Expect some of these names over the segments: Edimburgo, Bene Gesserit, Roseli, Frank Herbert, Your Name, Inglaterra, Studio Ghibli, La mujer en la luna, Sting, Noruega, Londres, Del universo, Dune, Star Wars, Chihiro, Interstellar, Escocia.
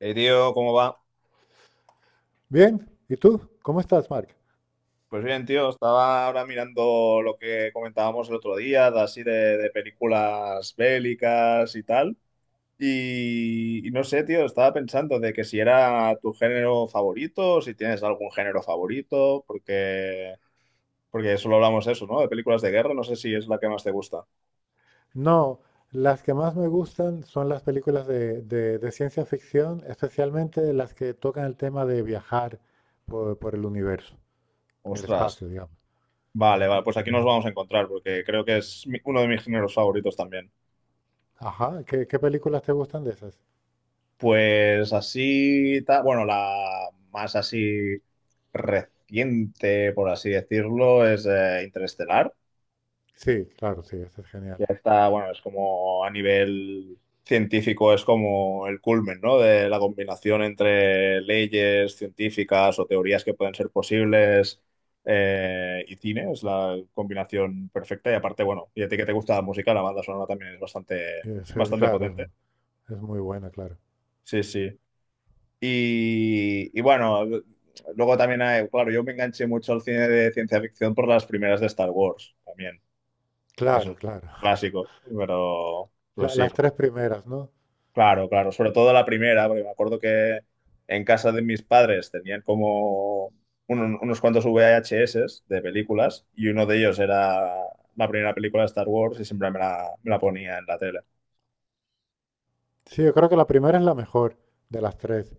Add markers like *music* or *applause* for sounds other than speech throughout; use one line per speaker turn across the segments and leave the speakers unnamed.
Tío, ¿cómo va?
Bien, ¿y tú? ¿Cómo estás, Mark?
Pues bien, tío, estaba ahora mirando lo que comentábamos el otro día, de así de películas bélicas y tal. Y no sé, tío, estaba pensando de que si era tu género favorito, o si tienes algún género favorito, porque solo hablamos eso, ¿no? De películas de guerra, no sé si es la que más te gusta.
No, las que más me gustan son las películas de ciencia ficción, especialmente las que tocan el tema de viajar por el universo, del
Ostras.
espacio, digamos.
Vale, vale, pues aquí nos vamos a encontrar, porque creo que es uno de mis géneros favoritos también.
Ajá, ¿qué películas te gustan de esas?
Pues así, bueno, la más así reciente, por así decirlo, es Interestelar.
Sí, claro, sí, esa es genial.
Ya está, bueno, es como a nivel científico, es como el culmen, ¿no? De la combinación entre leyes científicas o teorías que pueden ser posibles y cine, es la combinación perfecta. Y aparte, bueno, y a ti que te gusta la música, la banda sonora también es bastante, bastante potente.
Claro, es muy buena, claro.
Sí, sí. Y bueno, luego también hay, claro, yo me enganché mucho al cine de ciencia ficción por las primeras de Star Wars también. Eso
Claro,
es un
claro. *laughs*
clásico, pero sí,
Las tres primeras, ¿no?
claro, claro. Sobre todo la primera, porque me acuerdo que en casa de mis padres tenían como unos cuantos VHS de películas y uno de ellos era la primera película de Star Wars y siempre me la ponía en la tele.
Sí, yo creo que la primera es la mejor de las tres.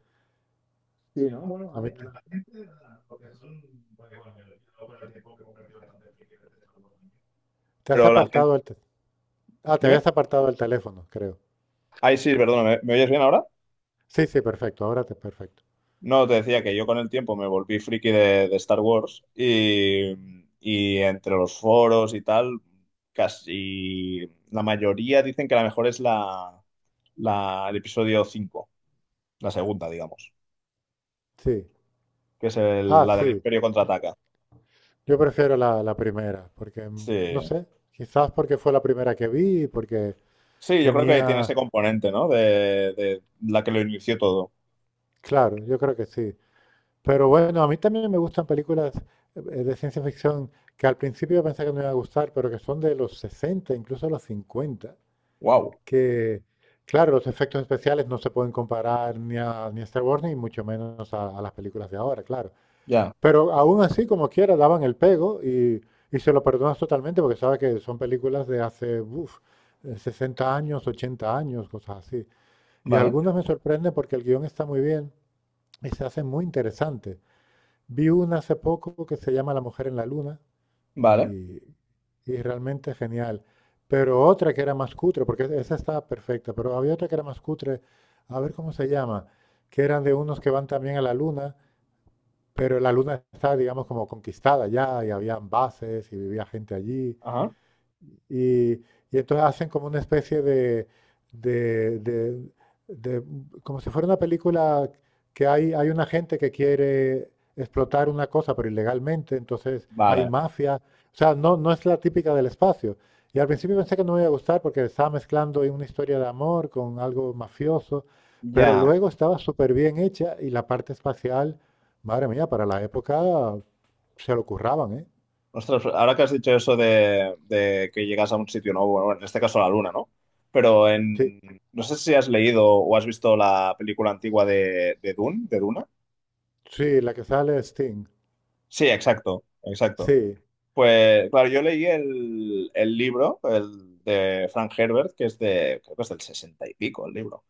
Sí, ¿no? Bueno, a
A
a
mí te,
la gente, porque bueno, yo con el tiempo que he convertido bastante en friki de este.
te has
Pero la gente.
apartado el te- Ah, te
Dime.
habías apartado el teléfono, creo.
Ay, sí, perdona, ¿me oyes bien ahora?
Sí, sí, perfecto. Ahora te perfecto.
No, te decía que yo con el tiempo me volví friki de Star Wars y entre los foros y tal, casi la mayoría dicen que la mejor es el episodio cinco, la segunda, digamos,
Sí.
que es
Ah,
la del
sí.
Imperio contraataca.
Yo prefiero la primera, porque, no
Sí.
sé, quizás porque fue la primera que vi, porque
Sí, yo creo que tiene
tenía...
ese componente, ¿no? De la que lo inició todo.
Claro, yo creo que sí. Pero bueno, a mí también me gustan películas de ciencia ficción que al principio yo pensé que no me iba a gustar, pero que son de los 60, incluso los 50. Que, claro, los efectos especiales no se pueden comparar ni a Star Wars, ni mucho menos a las películas de ahora, claro. Pero aún así, como quiera, daban el pego y se lo perdonas totalmente porque sabes que son películas de hace uf, 60 años, 80 años, cosas así. Y algunas me sorprenden porque el guión está muy bien y se hace muy interesante. Vi una hace poco que se llama La mujer en la luna
Vale,
y, y realmente genial. Pero otra que era más cutre, porque esa estaba perfecta, pero había otra que era más cutre, a ver cómo se llama, que eran de unos que van también a la luna, pero la luna está, digamos, como conquistada ya y habían bases y vivía gente allí.
ajá,
Y entonces hacen como una especie de, de- de como si fuera una película que hay una gente que quiere explotar una cosa, pero ilegalmente, entonces hay
vale,
mafia. O sea, no, no es la típica del espacio. Y al principio pensé que no me iba a gustar porque estaba mezclando ahí una historia de amor con algo mafioso, pero
ya.
luego estaba súper bien hecha y la parte espacial, madre mía, para la época se lo curraban, ¿eh?
Ostras, ahora que has dicho eso de que llegas a un sitio nuevo, bueno, en este caso la luna, ¿no? Pero
Sí,
en. No sé si has leído o has visto la película antigua de Dune, de Duna.
sí, la que sale es Sting.
Sí, exacto, exacto.
Sí,
Pues, claro, yo leí el libro, el de Frank Herbert, que es de, creo que es del sesenta y pico el libro.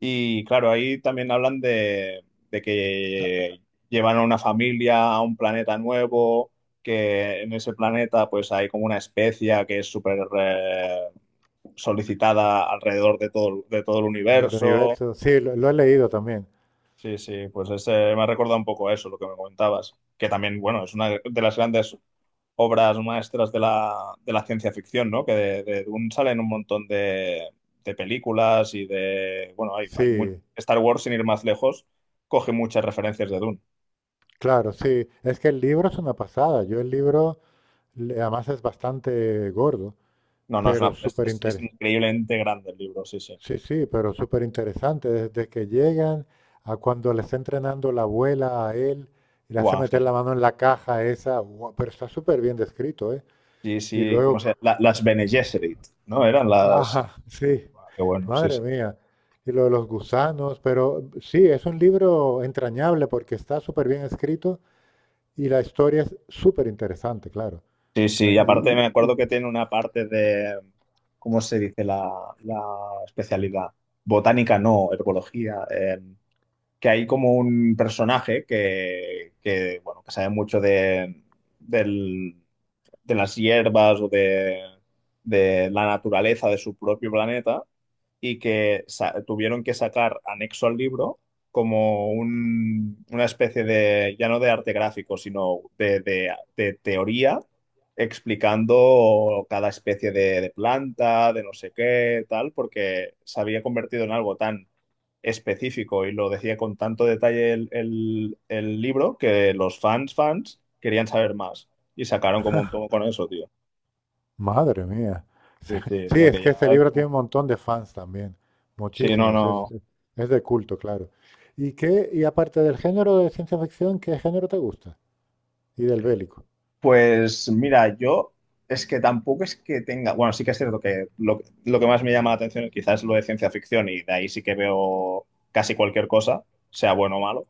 Y claro, ahí también hablan de que llevan a una familia a un planeta nuevo, que en ese planeta pues hay como una especia que es súper solicitada alrededor de todo el
del
universo.
universo, sí, lo he leído también.
Sí, sí, pues ese, me ha recordado un poco eso, lo que me comentabas, que también, bueno, es una de las grandes obras maestras de la ciencia ficción, ¿no? Que de Dune salen un montón de películas y de. Bueno, hay
Sí,
Star Wars, sin ir más lejos, coge muchas referencias de Dune.
claro, sí. Es que el libro es una pasada. Yo el libro, además es bastante gordo,
No, no, es,
pero
una-
súper
es
interesante.
increíblemente grande el libro, sí, sí.
Sí, sí, pero súper interesante. Desde que llegan a cuando le está entrenando la abuela a él y le hace
Guau,
meter
sí.
la mano en la caja esa, guau, pero está súper bien descrito, ¿eh?
Sí,
Y
sí, ¿cómo se
luego,
llama? Las Bene Gesserit, ¿no? Eran
ajá,
las.
*laughs* sí,
Ah, qué bueno, sí,
madre
sí.
mía. Y lo de los gusanos, pero sí, es un libro entrañable porque está súper bien escrito y la historia es súper interesante, claro.
Sí, sí, y
Entonces, y-
aparte me
y- y-
acuerdo que tiene una parte de. ¿Cómo se dice la especialidad? Botánica no, herbología. Que hay como un personaje que, bueno, que sabe mucho del- de las hierbas o de la naturaleza de su propio planeta y que tuvieron que sacar anexo al libro como una especie de, ya no de arte gráfico, sino de teoría explicando cada especie de planta, de no sé qué, tal, porque se había convertido en algo tan específico y lo decía con tanto detalle el libro que los fans querían saber más y sacaron como un tomo con eso, tío.
Madre mía.
Sí,
*laughs*
sí, o
Sí,
sea
es
que
que
ya
este
es
libro tiene un
como.
montón de fans también,
Sí, no,
muchísimos,
no.
es de culto, claro. ¿Y qué, y aparte del género de ciencia ficción, qué género te gusta? Y del bélico.
Pues mira, yo es que tampoco es que tenga, bueno, sí que es cierto que lo que más me llama la atención quizás es lo de ciencia ficción y de ahí sí que veo casi cualquier cosa, sea bueno o malo.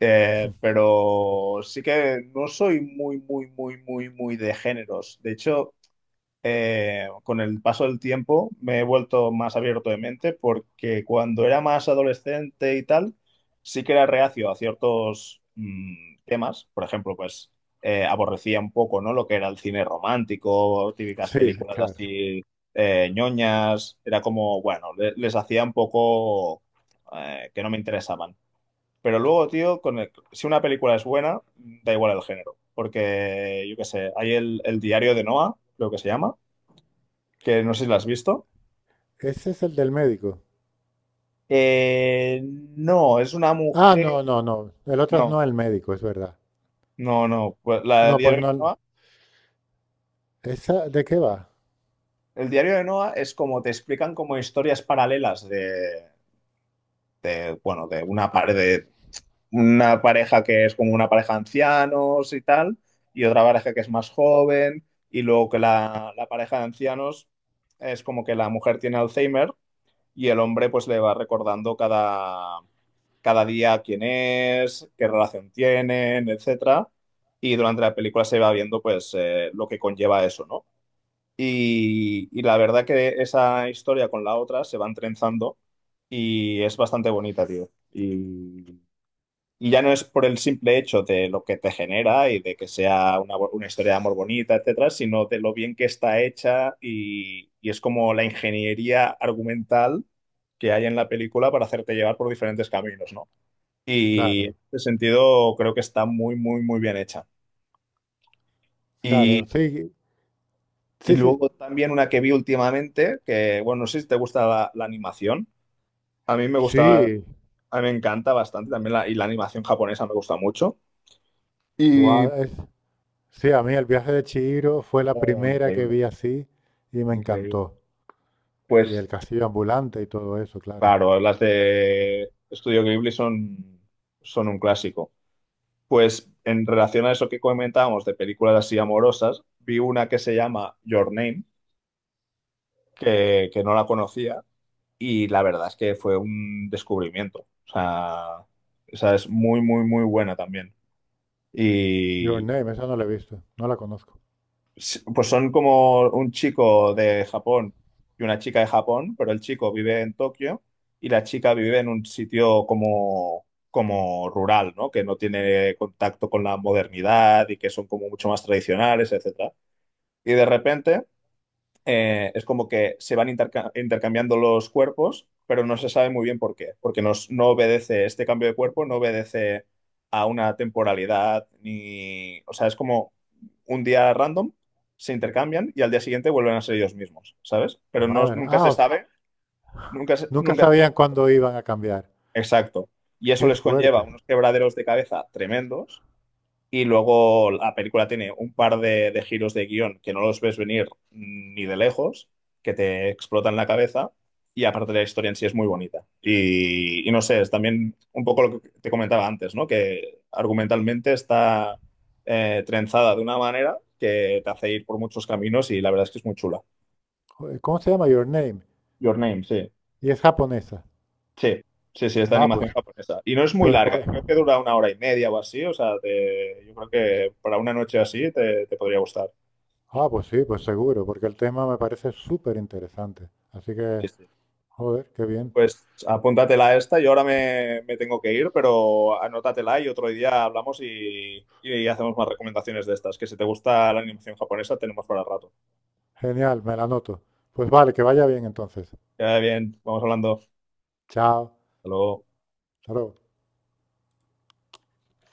Pero sí que no soy muy, muy, muy, muy, muy de géneros. De hecho, con el paso del tiempo me he vuelto más abierto de mente porque cuando era más adolescente y tal, sí que era reacio a ciertos temas. Por ejemplo, pues aborrecía un poco, ¿no? Lo que era el cine romántico, típicas
Sí,
películas
claro.
así ñoñas. Era como, bueno, les hacía un poco que no me interesaban. Pero luego, tío, con si una película es buena, da igual el género. Porque, yo qué sé, hay el diario de Noah, creo que se llama, que no sé si la has visto.
Ese es el del médico.
No, es una
Ah,
mujer.
no, no, no. El otro es
No,
no el médico, es verdad.
no, no. Pues la de
No, pues
Diario
no.
de Noa.
¿Esa de qué va?
El Diario de Noa es como te explican como historias paralelas de, bueno, de una pareja que es como una pareja de ancianos y tal, y otra pareja que es más joven, y luego que la pareja de ancianos es como que la mujer tiene Alzheimer y el hombre pues le va recordando cada día quién es, qué relación tienen, etcétera. Y durante la película se va viendo pues lo que conlleva eso, ¿no? Y la verdad que esa historia con la otra se van trenzando y es bastante bonita, tío. Y ya no es por el simple hecho de lo que te genera y de que sea una historia de amor bonita, etcétera, sino de lo bien que está hecha y es como la ingeniería argumental que hay en la película para hacerte llevar por diferentes caminos, ¿no? Y
Claro,
en ese sentido creo que está muy, muy, muy bien hecha.
claro.
Y,
Sí,
y
sí, sí.
luego también una que vi últimamente, que bueno, no sé si te gusta la animación. A mí me gusta,
Sí.
a mí me encanta bastante también y la animación japonesa me gusta mucho. Y.
Guau, es, sí, a mí el viaje de Chihiro fue la
Oh,
primera que
increíble,
vi así y me
increíble.
encantó. Y el
Pues
castillo ambulante y todo eso, claro.
claro, las de Estudio Ghibli son un clásico. Pues en relación a eso que comentábamos de películas así amorosas, vi una que se llama Your Name, que no la conocía y la verdad es que fue un descubrimiento. O sea, esa es muy, muy, muy buena también.
Your
Y
Name, esa no la he visto, no la conozco.
pues son como un chico de Japón y una chica de Japón, pero el chico vive en Tokio y la chica vive en un sitio como rural, ¿no? Que no tiene contacto con la modernidad y que son como mucho más tradicionales, etcétera. Y de repente es como que se van intercambiando los cuerpos, pero no se sabe muy bien por qué, porque no obedece este cambio de cuerpo, no obedece a una temporalidad, ni, o sea, es como un día random, se intercambian y al día siguiente vuelven a ser ellos mismos, ¿sabes? Pero no,
Madre,
nunca
ah,
se
o sea,
sabe,
nunca
nunca se sabe.
sabían cuándo iban a cambiar.
Exacto. Y eso
Qué
les conlleva
fuerte.
unos quebraderos de cabeza tremendos y luego la película tiene un par de giros de guión que no los ves venir ni de lejos, que te explotan la cabeza. Y aparte la historia en sí es muy bonita. Y no sé, es también un poco lo que te comentaba antes, ¿no? Que argumentalmente está trenzada de una manera que te hace ir por muchos caminos y la verdad es que es muy chula.
Joder, ¿cómo se llama Your Name?
Your Name, sí.
Y es japonesa.
Sí, sí, sí, es de
Ah,
animación
pues,
japonesa. Y no es muy
pues, voy-
larga, ¿eh? Creo que dura una hora y media o así. O sea, yo creo que para una noche así te podría gustar.
ah, pues sí, pues seguro, porque el tema me parece súper interesante. Así que,
Sí, sí.
joder, qué bien.
Pues apúntatela esta, yo ahora me tengo que ir, pero anótatela y otro día hablamos y hacemos más recomendaciones de estas, que si te gusta la animación japonesa tenemos para rato.
Genial, me la anoto. Pues vale, que vaya bien entonces.
Ya bien, vamos hablando.
Chao.
Hasta luego.
Hasta luego.